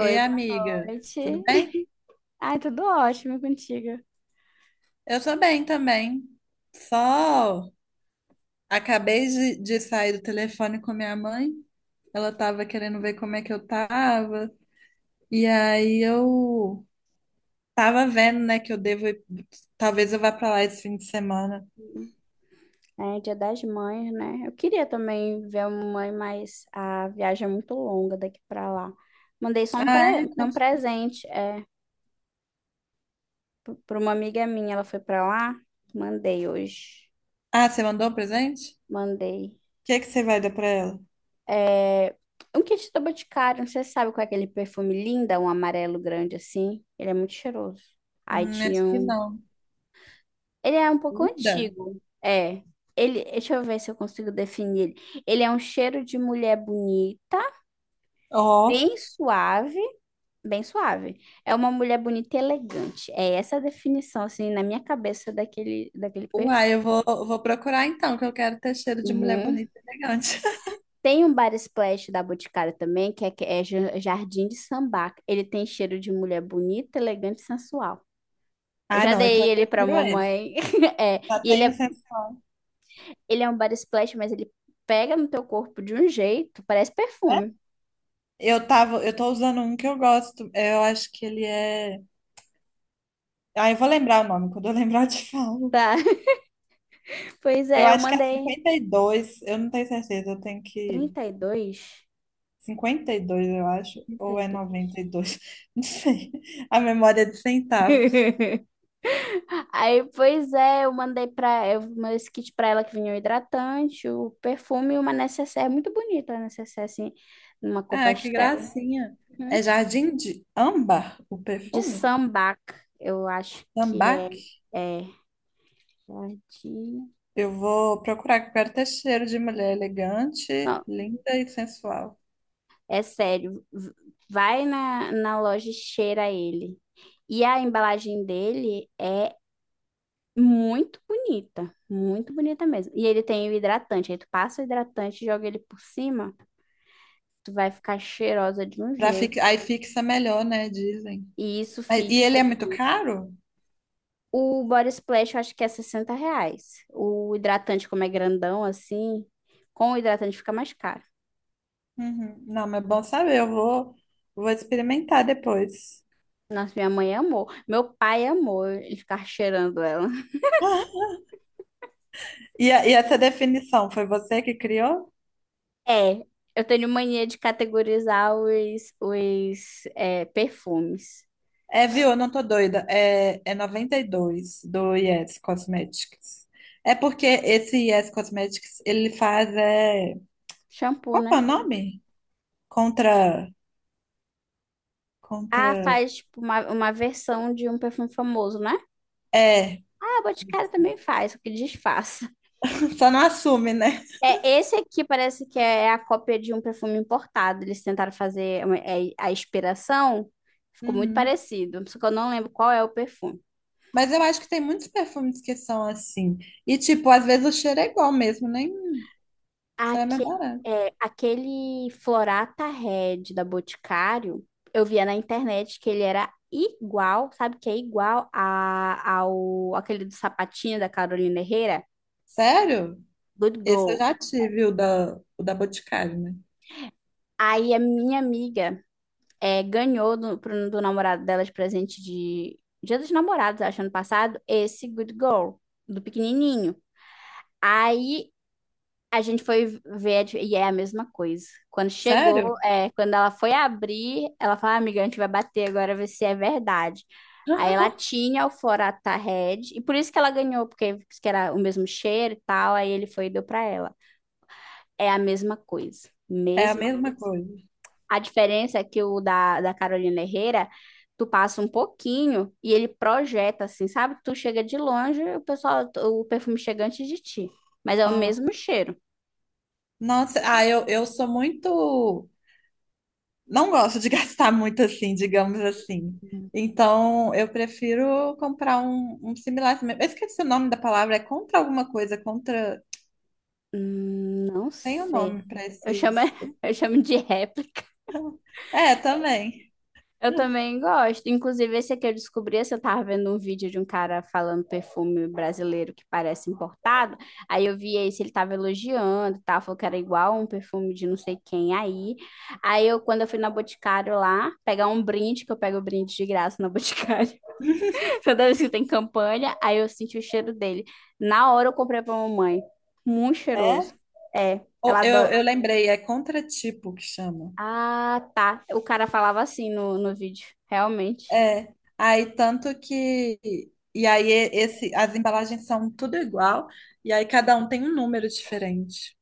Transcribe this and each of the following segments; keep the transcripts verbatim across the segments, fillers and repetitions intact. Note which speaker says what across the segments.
Speaker 1: Ei,
Speaker 2: boa
Speaker 1: amiga, tudo
Speaker 2: noite.
Speaker 1: bem?
Speaker 2: Ai, tudo ótimo contigo.
Speaker 1: Eu tô bem também. Só acabei de, de sair do telefone com minha mãe. Ela tava querendo ver como é que eu tava. E aí eu tava vendo, né, que eu devo ir, talvez eu vá pra lá esse fim de semana.
Speaker 2: É Dia das Mães, né? Eu queria também ver a mãe, mas a viagem é muito longa daqui pra lá. Mandei só um,
Speaker 1: Ah, é?
Speaker 2: pre... um
Speaker 1: Quanto-
Speaker 2: presente, é, p- pra uma amiga minha, ela foi pra lá. Mandei hoje.
Speaker 1: Ah, você mandou o presente? O
Speaker 2: Mandei.
Speaker 1: que que você vai dar pra ela?
Speaker 2: É... Um kit da Boticário, você sabe qual é aquele perfume linda, um amarelo grande assim? Ele é muito cheiroso. Aí
Speaker 1: Hum, acho que
Speaker 2: tinham
Speaker 1: não.
Speaker 2: Ele é um pouco
Speaker 1: Linda.
Speaker 2: antigo. É. Ele, deixa eu ver se eu consigo definir ele. Ele é um cheiro de mulher bonita,
Speaker 1: Ó.
Speaker 2: bem suave, bem suave. É uma mulher bonita e elegante. É essa a definição, assim, na minha cabeça daquele, daquele
Speaker 1: Uai,
Speaker 2: perfume.
Speaker 1: eu vou, eu vou procurar então, que eu quero ter cheiro de mulher
Speaker 2: Uhum.
Speaker 1: bonita e elegante.
Speaker 2: Tem um Bar Splash da Boticário também, que é, que é ja- Jardim de Sambaca. Ele tem cheiro de mulher bonita, elegante e sensual. Eu
Speaker 1: Ah,
Speaker 2: já
Speaker 1: não, então
Speaker 2: dei
Speaker 1: eu
Speaker 2: ele pra
Speaker 1: prefiro esse.
Speaker 2: mamãe. É,
Speaker 1: Já
Speaker 2: e ele
Speaker 1: tem o
Speaker 2: é.
Speaker 1: sensor,
Speaker 2: Ele é um body splash, mas ele pega no teu corpo de um jeito, parece
Speaker 1: né?
Speaker 2: perfume.
Speaker 1: Eu tava, eu tô usando um que eu gosto. Eu acho que ele é. Ah, eu vou lembrar o nome, quando eu lembrar eu te falo.
Speaker 2: Tá. Pois
Speaker 1: Eu
Speaker 2: é, eu
Speaker 1: acho que é
Speaker 2: mandei
Speaker 1: cinquenta e dois, eu não tenho certeza, eu tenho que.
Speaker 2: trinta e dois.
Speaker 1: Cinquenta e dois eu acho,
Speaker 2: trinta
Speaker 1: ou
Speaker 2: e
Speaker 1: é
Speaker 2: dois.
Speaker 1: noventa e dois, não sei. A memória é de centavos.
Speaker 2: Aí, pois é, eu mandei pra. eu mandei esse kit pra ela, que vinha o hidratante, o perfume e uma necessaire muito bonita, a necessaire assim, numa cor
Speaker 1: Ah, que
Speaker 2: pastel.
Speaker 1: gracinha.
Speaker 2: Uhum.
Speaker 1: É Jardim de Âmbar, o
Speaker 2: De
Speaker 1: perfume?
Speaker 2: sambac, eu acho que
Speaker 1: Âmbar?
Speaker 2: é. É. é de...
Speaker 1: Eu vou procurar, que eu quero ter cheiro de mulher elegante,
Speaker 2: Não,
Speaker 1: linda e sensual.
Speaker 2: é sério. V- Vai na, na loja e cheira ele. E a embalagem dele é muito bonita. Muito bonita mesmo. E ele tem o hidratante. Aí tu passa o hidratante, joga ele por cima, tu vai ficar cheirosa de um
Speaker 1: Pra fi...
Speaker 2: jeito.
Speaker 1: Aí fixa melhor, né? Dizem.
Speaker 2: E isso
Speaker 1: Mas- E ele
Speaker 2: fixa
Speaker 1: é muito
Speaker 2: demais.
Speaker 1: caro?
Speaker 2: O Body Splash eu acho que é sessenta reais. O hidratante, como é grandão assim, com o hidratante fica mais caro.
Speaker 1: Uhum. Não, mas é bom saber, eu vou, vou experimentar depois.
Speaker 2: Nossa, minha mãe amou. Meu pai amou ele ficar cheirando ela.
Speaker 1: E, a- e essa definição, foi você que criou?
Speaker 2: É, eu tenho mania de categorizar os, os é, perfumes.
Speaker 1: É, viu? Eu não tô doida. É, é noventa e dois do Yes Cosmetics. É porque esse Yes Cosmetics, ele faz, é...
Speaker 2: Shampoo,
Speaker 1: Qual que é o
Speaker 2: né?
Speaker 1: nome? Contra...
Speaker 2: Ah,
Speaker 1: Contra...
Speaker 2: faz tipo uma, uma versão de um perfume famoso, né?
Speaker 1: É,
Speaker 2: Ah, Boticário também faz, só que disfarça.
Speaker 1: só não assume, né?
Speaker 2: É, esse aqui parece que é a cópia de um perfume importado. Eles tentaram fazer uma- é, a inspiração, ficou muito
Speaker 1: Uhum.
Speaker 2: parecido, só que eu não lembro qual é o perfume.
Speaker 1: Mas eu acho que tem muitos perfumes que são assim. E, tipo, às vezes o cheiro é igual mesmo, né? Isso é mais
Speaker 2: Aque-
Speaker 1: barato.
Speaker 2: é, aquele Florata Red da Boticário, eu via na internet que ele era igual, sabe que é igual a, ao aquele do sapatinho da Carolina Herrera,
Speaker 1: Sério?
Speaker 2: Good
Speaker 1: Esse eu
Speaker 2: Girl.
Speaker 1: já tive, o da, o da Boticário, né?
Speaker 2: Aí a minha amiga é, ganhou do, pro- do namorado dela de presente de Dia dos Namorados, acho, ano passado, esse Good Girl, do pequenininho. Aí a gente foi ver e é a mesma coisa. Quando chegou,
Speaker 1: Sério?
Speaker 2: é, quando ela foi abrir, ela falou, "Ah, amiga, a gente vai bater agora, ver se é verdade." Aí ela tinha o Forata Red, e por isso que ela ganhou, porque disse que era o mesmo cheiro e tal, aí ele foi e deu pra ela. É a mesma coisa,
Speaker 1: É a
Speaker 2: mesma
Speaker 1: mesma
Speaker 2: coisa.
Speaker 1: coisa.
Speaker 2: A diferença é que o da, da Carolina Herrera, tu passa um pouquinho e ele projeta assim, sabe? Tu chega de longe, o pessoal, o perfume chega antes de ti, mas é o
Speaker 1: Ah.
Speaker 2: mesmo cheiro.
Speaker 1: Nossa, ah, eu, eu sou muito. Não gosto de gastar muito assim, digamos assim. Então, eu prefiro comprar um, um similar também. Eu esqueci o nome da palavra, é contra alguma coisa, contra.
Speaker 2: Hum, não
Speaker 1: Tem o um
Speaker 2: sei.
Speaker 1: nome para
Speaker 2: Eu chamo,
Speaker 1: esses.
Speaker 2: eu chamo de réplica.
Speaker 1: É, também.
Speaker 2: Eu também gosto. Inclusive, esse aqui eu descobri, esse eu tava vendo um vídeo de um cara falando perfume brasileiro que parece importado. Aí eu vi esse, ele tava elogiando, e tal, falou que era igual um perfume de não sei quem aí. Aí eu, quando eu fui na Boticário lá, pegar um brinde, que eu pego brinde de graça na Boticário, toda vez que tem campanha, aí eu senti o cheiro dele. Na hora eu comprei pra mamãe. Muito
Speaker 1: É?
Speaker 2: cheiroso. É,
Speaker 1: Ou-
Speaker 2: ela
Speaker 1: Eu,
Speaker 2: adora.
Speaker 1: eu lembrei, é contratipo que chama.
Speaker 2: Ah, tá. O cara falava assim no, no vídeo, realmente.
Speaker 1: É, aí tanto que e aí e- esse as embalagens são tudo igual e aí cada um tem um número diferente.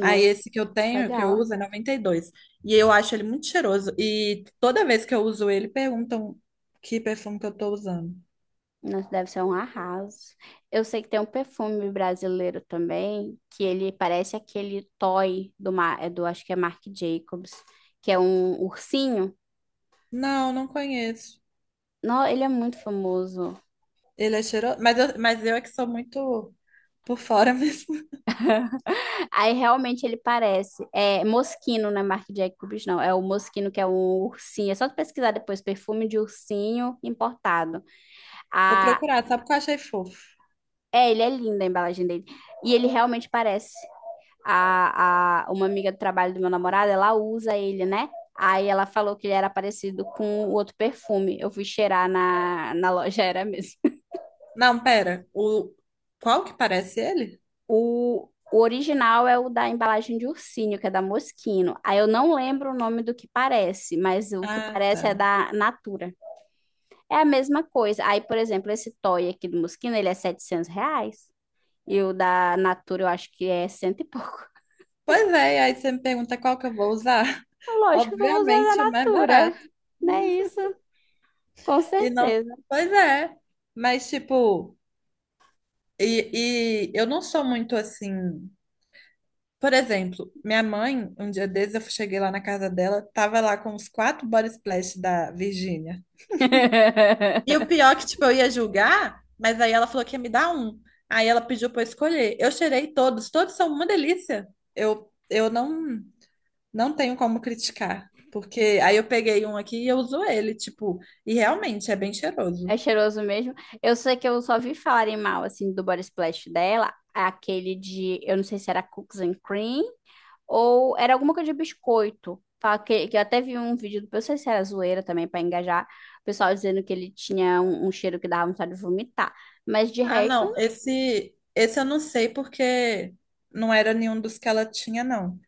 Speaker 1: Aí esse que eu tenho, que eu
Speaker 2: legal.
Speaker 1: uso é noventa e dois. E dois. E eu acho ele muito cheiroso e toda vez que eu uso ele perguntam que perfume que eu tô usando.
Speaker 2: Nossa, deve ser um arraso. Eu sei que tem um perfume brasileiro também, que ele parece aquele Toy do, Ma- é do acho que é Marc Jacobs, que é um ursinho.
Speaker 1: Não, não conheço.
Speaker 2: Não, ele é muito famoso.
Speaker 1: Ele é cheiroso, mas eu, mas eu é que sou muito por fora mesmo.
Speaker 2: Aí realmente ele parece. É Moschino, não é Marc Jacobs, não. É o Moschino, que é um ursinho. É só tu pesquisar depois, perfume de ursinho importado.
Speaker 1: Vou procurar, sabe o que eu achei fofo?
Speaker 2: É, ele é lindo a embalagem dele. E ele realmente parece. A, a, uma amiga do trabalho do meu namorado, ela usa ele, né? Aí ela falou que ele era parecido com o outro perfume. Eu fui cheirar na, na loja, era mesmo.
Speaker 1: Não, pera. O qual que parece ele?
Speaker 2: O, o original é o da embalagem de ursinho, que é da Moschino. Aí eu não lembro o nome do que parece, mas o que
Speaker 1: Ah,
Speaker 2: parece é
Speaker 1: tá.
Speaker 2: da Natura. É a mesma coisa. Aí, por exemplo, esse toy aqui do Moschino, ele é setecentos reais. E o da Natura, eu acho que é cento e pouco.
Speaker 1: Pois é, aí você me pergunta qual que eu vou usar.
Speaker 2: Lógico que eu vou usar da
Speaker 1: Obviamente o mais
Speaker 2: Natura,
Speaker 1: barato.
Speaker 2: né? Isso, com
Speaker 1: E não,
Speaker 2: certeza.
Speaker 1: pois é, mas tipo, e, e eu não sou muito assim. Por exemplo, minha mãe, um dia desses eu cheguei lá na casa dela, tava lá com os quatro body splash da Virgínia. E o pior é que, tipo, eu ia julgar, mas aí ela falou que ia me dar um. Aí ela pediu pra eu escolher. Eu cheirei todos, todos são uma delícia. Eu, eu não. Não tenho como criticar, porque aí eu peguei um aqui e eu uso ele, tipo, e realmente é bem cheiroso.
Speaker 2: É cheiroso mesmo. Eu sei que eu só vi falarem mal, assim, do body splash dela, aquele de, eu não sei se era cookies and cream, ou era alguma coisa de biscoito. Fala Que, que eu até vi um vídeo, do- eu não sei se era zoeira também, pra engajar, o pessoal dizendo que ele tinha um, um cheiro que dava vontade de vomitar. Mas de
Speaker 1: Ah,
Speaker 2: resto.
Speaker 1: não, esse esse eu não sei porque não era nenhum dos que ela tinha, não.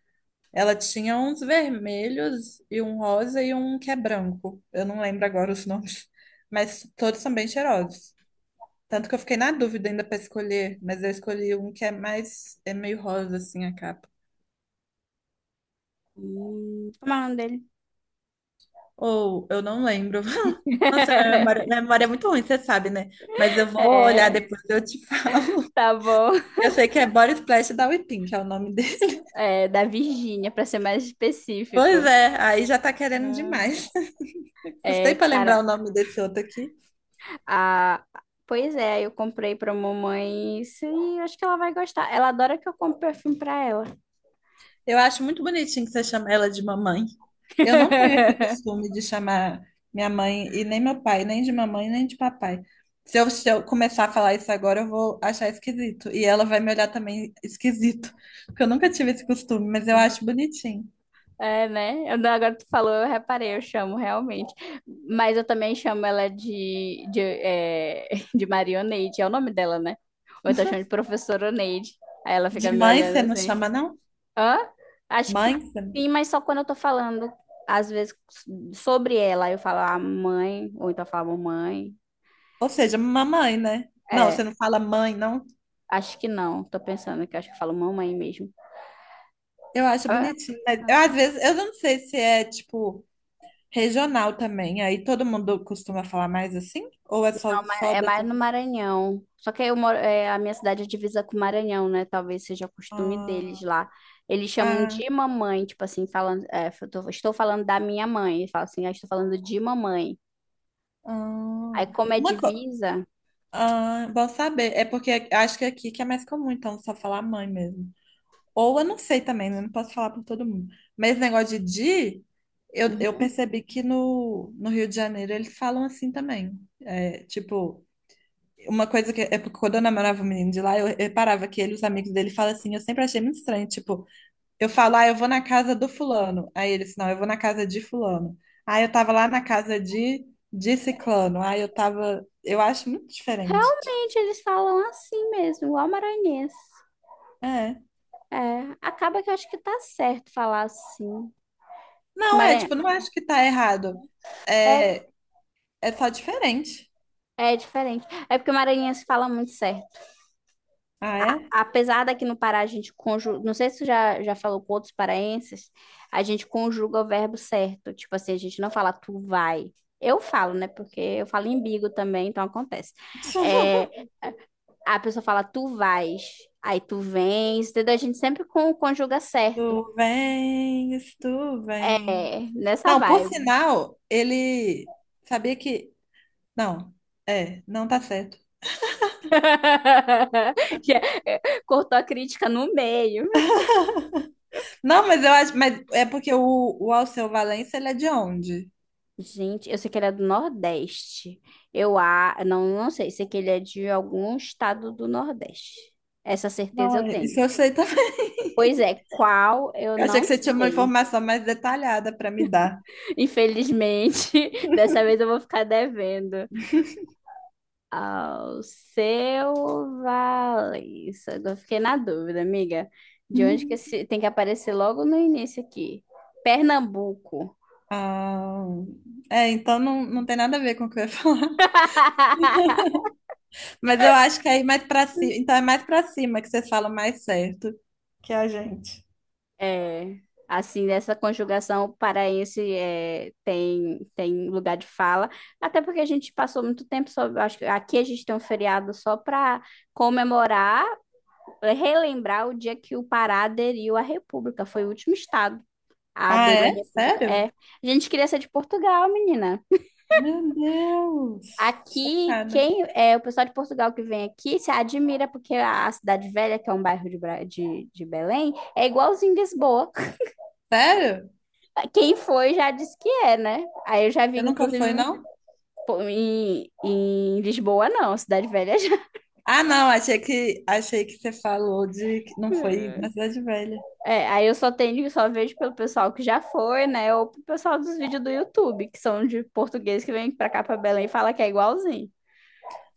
Speaker 1: Ela tinha uns vermelhos e um rosa e um que é branco. Eu não lembro agora os nomes, mas todos são bem cheirosos. Tanto que eu fiquei na dúvida ainda para escolher, mas eu escolhi um que é mais é meio rosa assim a capa.
Speaker 2: hum, Como é o nome dele?
Speaker 1: Ou eu não lembro. Nossa, minha memória, minha memória é muito ruim, você sabe, né? Mas eu vou olhar
Speaker 2: É,
Speaker 1: depois, eu te falo.
Speaker 2: tá bom.
Speaker 1: Eu sei que é Body Splash da Whippin, que é o nome dele.
Speaker 2: É, da Virgínia, para ser mais
Speaker 1: Pois
Speaker 2: específico.
Speaker 1: é, aí já tá querendo
Speaker 2: É.
Speaker 1: demais. Custei
Speaker 2: É,
Speaker 1: pra lembrar
Speaker 2: cara,
Speaker 1: o nome desse outro aqui.
Speaker 2: a... pois é, eu comprei pra mamãe. Isso, e acho que ela vai gostar. Ela adora que eu compre perfume pra ela.
Speaker 1: Eu acho muito bonitinho que você chama ela de mamãe. Eu não tenho esse costume de chamar minha mãe e nem meu pai, nem de mamãe, nem de papai. Se eu, se eu começar a falar isso agora, eu vou achar esquisito. E ela vai me olhar também esquisito, porque eu nunca tive esse costume, mas eu acho bonitinho.
Speaker 2: É, né? Eu não- Agora tu falou, eu reparei, eu chamo realmente. Mas eu também chamo ela de, de, é, de Marioneide, é o nome dela, né? Ou eu tô chamando de professora Neide. Aí ela
Speaker 1: De
Speaker 2: fica me
Speaker 1: mãe
Speaker 2: olhando
Speaker 1: você não
Speaker 2: assim.
Speaker 1: chama, não?
Speaker 2: Hã? Acho que
Speaker 1: Mãe? Você não...
Speaker 2: sim, mas só quando eu tô falando, às vezes, sobre ela, eu falo a mãe, ou então eu falo mãe.
Speaker 1: Ou seja, mamãe, né? Não,
Speaker 2: É,
Speaker 1: você não fala mãe, não?
Speaker 2: acho que não. Tô pensando que acho que eu falo mamãe mesmo.
Speaker 1: Eu acho
Speaker 2: Ah,
Speaker 1: bonitinho, mas eu, às vezes, eu não sei se é tipo. Regional também, aí todo mundo costuma falar mais assim? Ou é só,
Speaker 2: ma-
Speaker 1: só
Speaker 2: é mais
Speaker 1: dessa.
Speaker 2: no Maranhão. Só que eu moro, é, a minha cidade é divisa com o Maranhão, né? Talvez seja costume deles
Speaker 1: Ah,
Speaker 2: lá. Eles chamam
Speaker 1: ah,
Speaker 2: de mamãe, tipo assim, falando, é, eu tô- estou falando da minha mãe. Eles falam assim, ah, estou falando de mamãe. Aí,
Speaker 1: ah.
Speaker 2: como é
Speaker 1: Uma co...
Speaker 2: divisa.
Speaker 1: ah, bom saber, é porque acho que aqui que é mais comum, então só falar mãe mesmo. Ou eu não sei também, né? Não posso falar para todo mundo. Mas esse negócio de di, eu, eu percebi que no, no Rio de Janeiro eles falam assim também. É, tipo, uma coisa que é porque quando eu namorava um menino de lá, eu reparava que ele, os amigos dele falam assim, eu sempre achei muito estranho, tipo. Eu falo, ah, eu vou na casa do fulano. Aí eles, não, eu vou na casa de fulano. Ah, eu tava lá na casa de, de ciclano. Ah, eu tava. Eu acho muito diferente.
Speaker 2: Realmente, eles falam assim mesmo, igual maranhense.
Speaker 1: É.
Speaker 2: É, acaba que eu acho que tá certo falar assim.
Speaker 1: Não, é, tipo, não
Speaker 2: Maranhão.
Speaker 1: acho que tá errado.
Speaker 2: É,
Speaker 1: É, é só diferente.
Speaker 2: é diferente. É porque o maranhense fala muito certo.
Speaker 1: Ah, é?
Speaker 2: Apesar daqui no Pará a gente conjuga. Não sei se você já, já falou com outros paraenses, a gente conjuga o verbo certo. Tipo assim, a gente não fala tu vai. Eu falo, né? Porque eu falo em bigo também, então acontece. É, a pessoa fala tu vais, aí tu vens, entendeu? A gente sempre con- conjuga
Speaker 1: Tu
Speaker 2: certo.
Speaker 1: vens, tu vem.
Speaker 2: É, nessa
Speaker 1: Não, por
Speaker 2: vibe.
Speaker 1: sinal, ele sabia que. Não, é, não tá certo.
Speaker 2: Já- Cortou a crítica no meio.
Speaker 1: Não, mas eu acho. Mas é porque o, o Alceu Valença, ele é de onde?
Speaker 2: Gente, eu sei que ele é do Nordeste. Eu a... não, não sei, sei que ele é de algum estado do Nordeste. Essa
Speaker 1: Não,
Speaker 2: certeza eu
Speaker 1: é,
Speaker 2: tenho.
Speaker 1: isso eu sei também.
Speaker 2: Pois é, qual eu
Speaker 1: Eu achei
Speaker 2: não
Speaker 1: que você tinha uma
Speaker 2: sei.
Speaker 1: informação mais detalhada para me dar.
Speaker 2: Infelizmente, dessa vez eu vou ficar devendo. Ao seu Valença. Agora eu fiquei na dúvida, amiga. De onde que
Speaker 1: Uhum.
Speaker 2: esse... tem que aparecer logo no início aqui? Pernambuco.
Speaker 1: Ah, é, então não, não tem nada a ver com o que eu ia falar. Mas eu acho que é ir mais para cima. Então é mais para cima que vocês falam mais certo que a gente.
Speaker 2: É, assim, nessa conjugação o paraense é, tem, tem lugar de fala, até porque a gente passou muito tempo só, acho que aqui a gente tem um feriado só para comemorar, é, relembrar o dia que o Pará aderiu à República, foi o último estado a
Speaker 1: Ah,
Speaker 2: aderir à
Speaker 1: é?
Speaker 2: República. É,
Speaker 1: Sério?
Speaker 2: a gente queria ser de Portugal, menina.
Speaker 1: Meu Deus!
Speaker 2: Aqui,
Speaker 1: Chocada.
Speaker 2: quem é o pessoal de Portugal que vem aqui se admira porque a, a Cidade Velha, que é um bairro de, Bra- de, de Belém, é igualzinho Lisboa.
Speaker 1: Sério?
Speaker 2: Quem foi já disse que é, né? Aí eu já vi,
Speaker 1: Você nunca foi,
Speaker 2: inclusive,
Speaker 1: não?
Speaker 2: pô, em, em Lisboa, não, Cidade Velha já.
Speaker 1: Ah, não, achei que achei que você falou de que não foi na Cidade Velha.
Speaker 2: É, aí eu só tenho, só vejo pelo pessoal que já foi, né? Ou pro pessoal dos vídeos do YouTube, que são de português que vem pra cá pra Belém e fala que é igualzinho.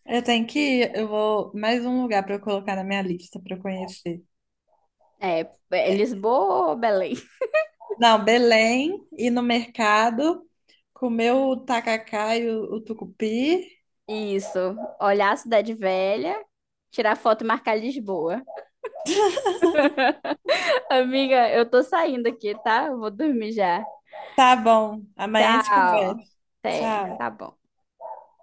Speaker 1: Eu tenho que ir, eu vou mais um lugar para eu colocar na minha lista para eu conhecer.
Speaker 2: É, é Lisboa ou Belém?
Speaker 1: Não, Belém, ir no mercado, comer o tacacá e o, o tucupi.
Speaker 2: Isso. Olhar a Cidade Velha, tirar foto e marcar Lisboa. Amiga, eu tô saindo aqui, tá? Eu vou dormir já.
Speaker 1: Tá bom, amanhã a gente
Speaker 2: Tchau.
Speaker 1: conversa.
Speaker 2: Até.
Speaker 1: Tchau.
Speaker 2: Tá bom.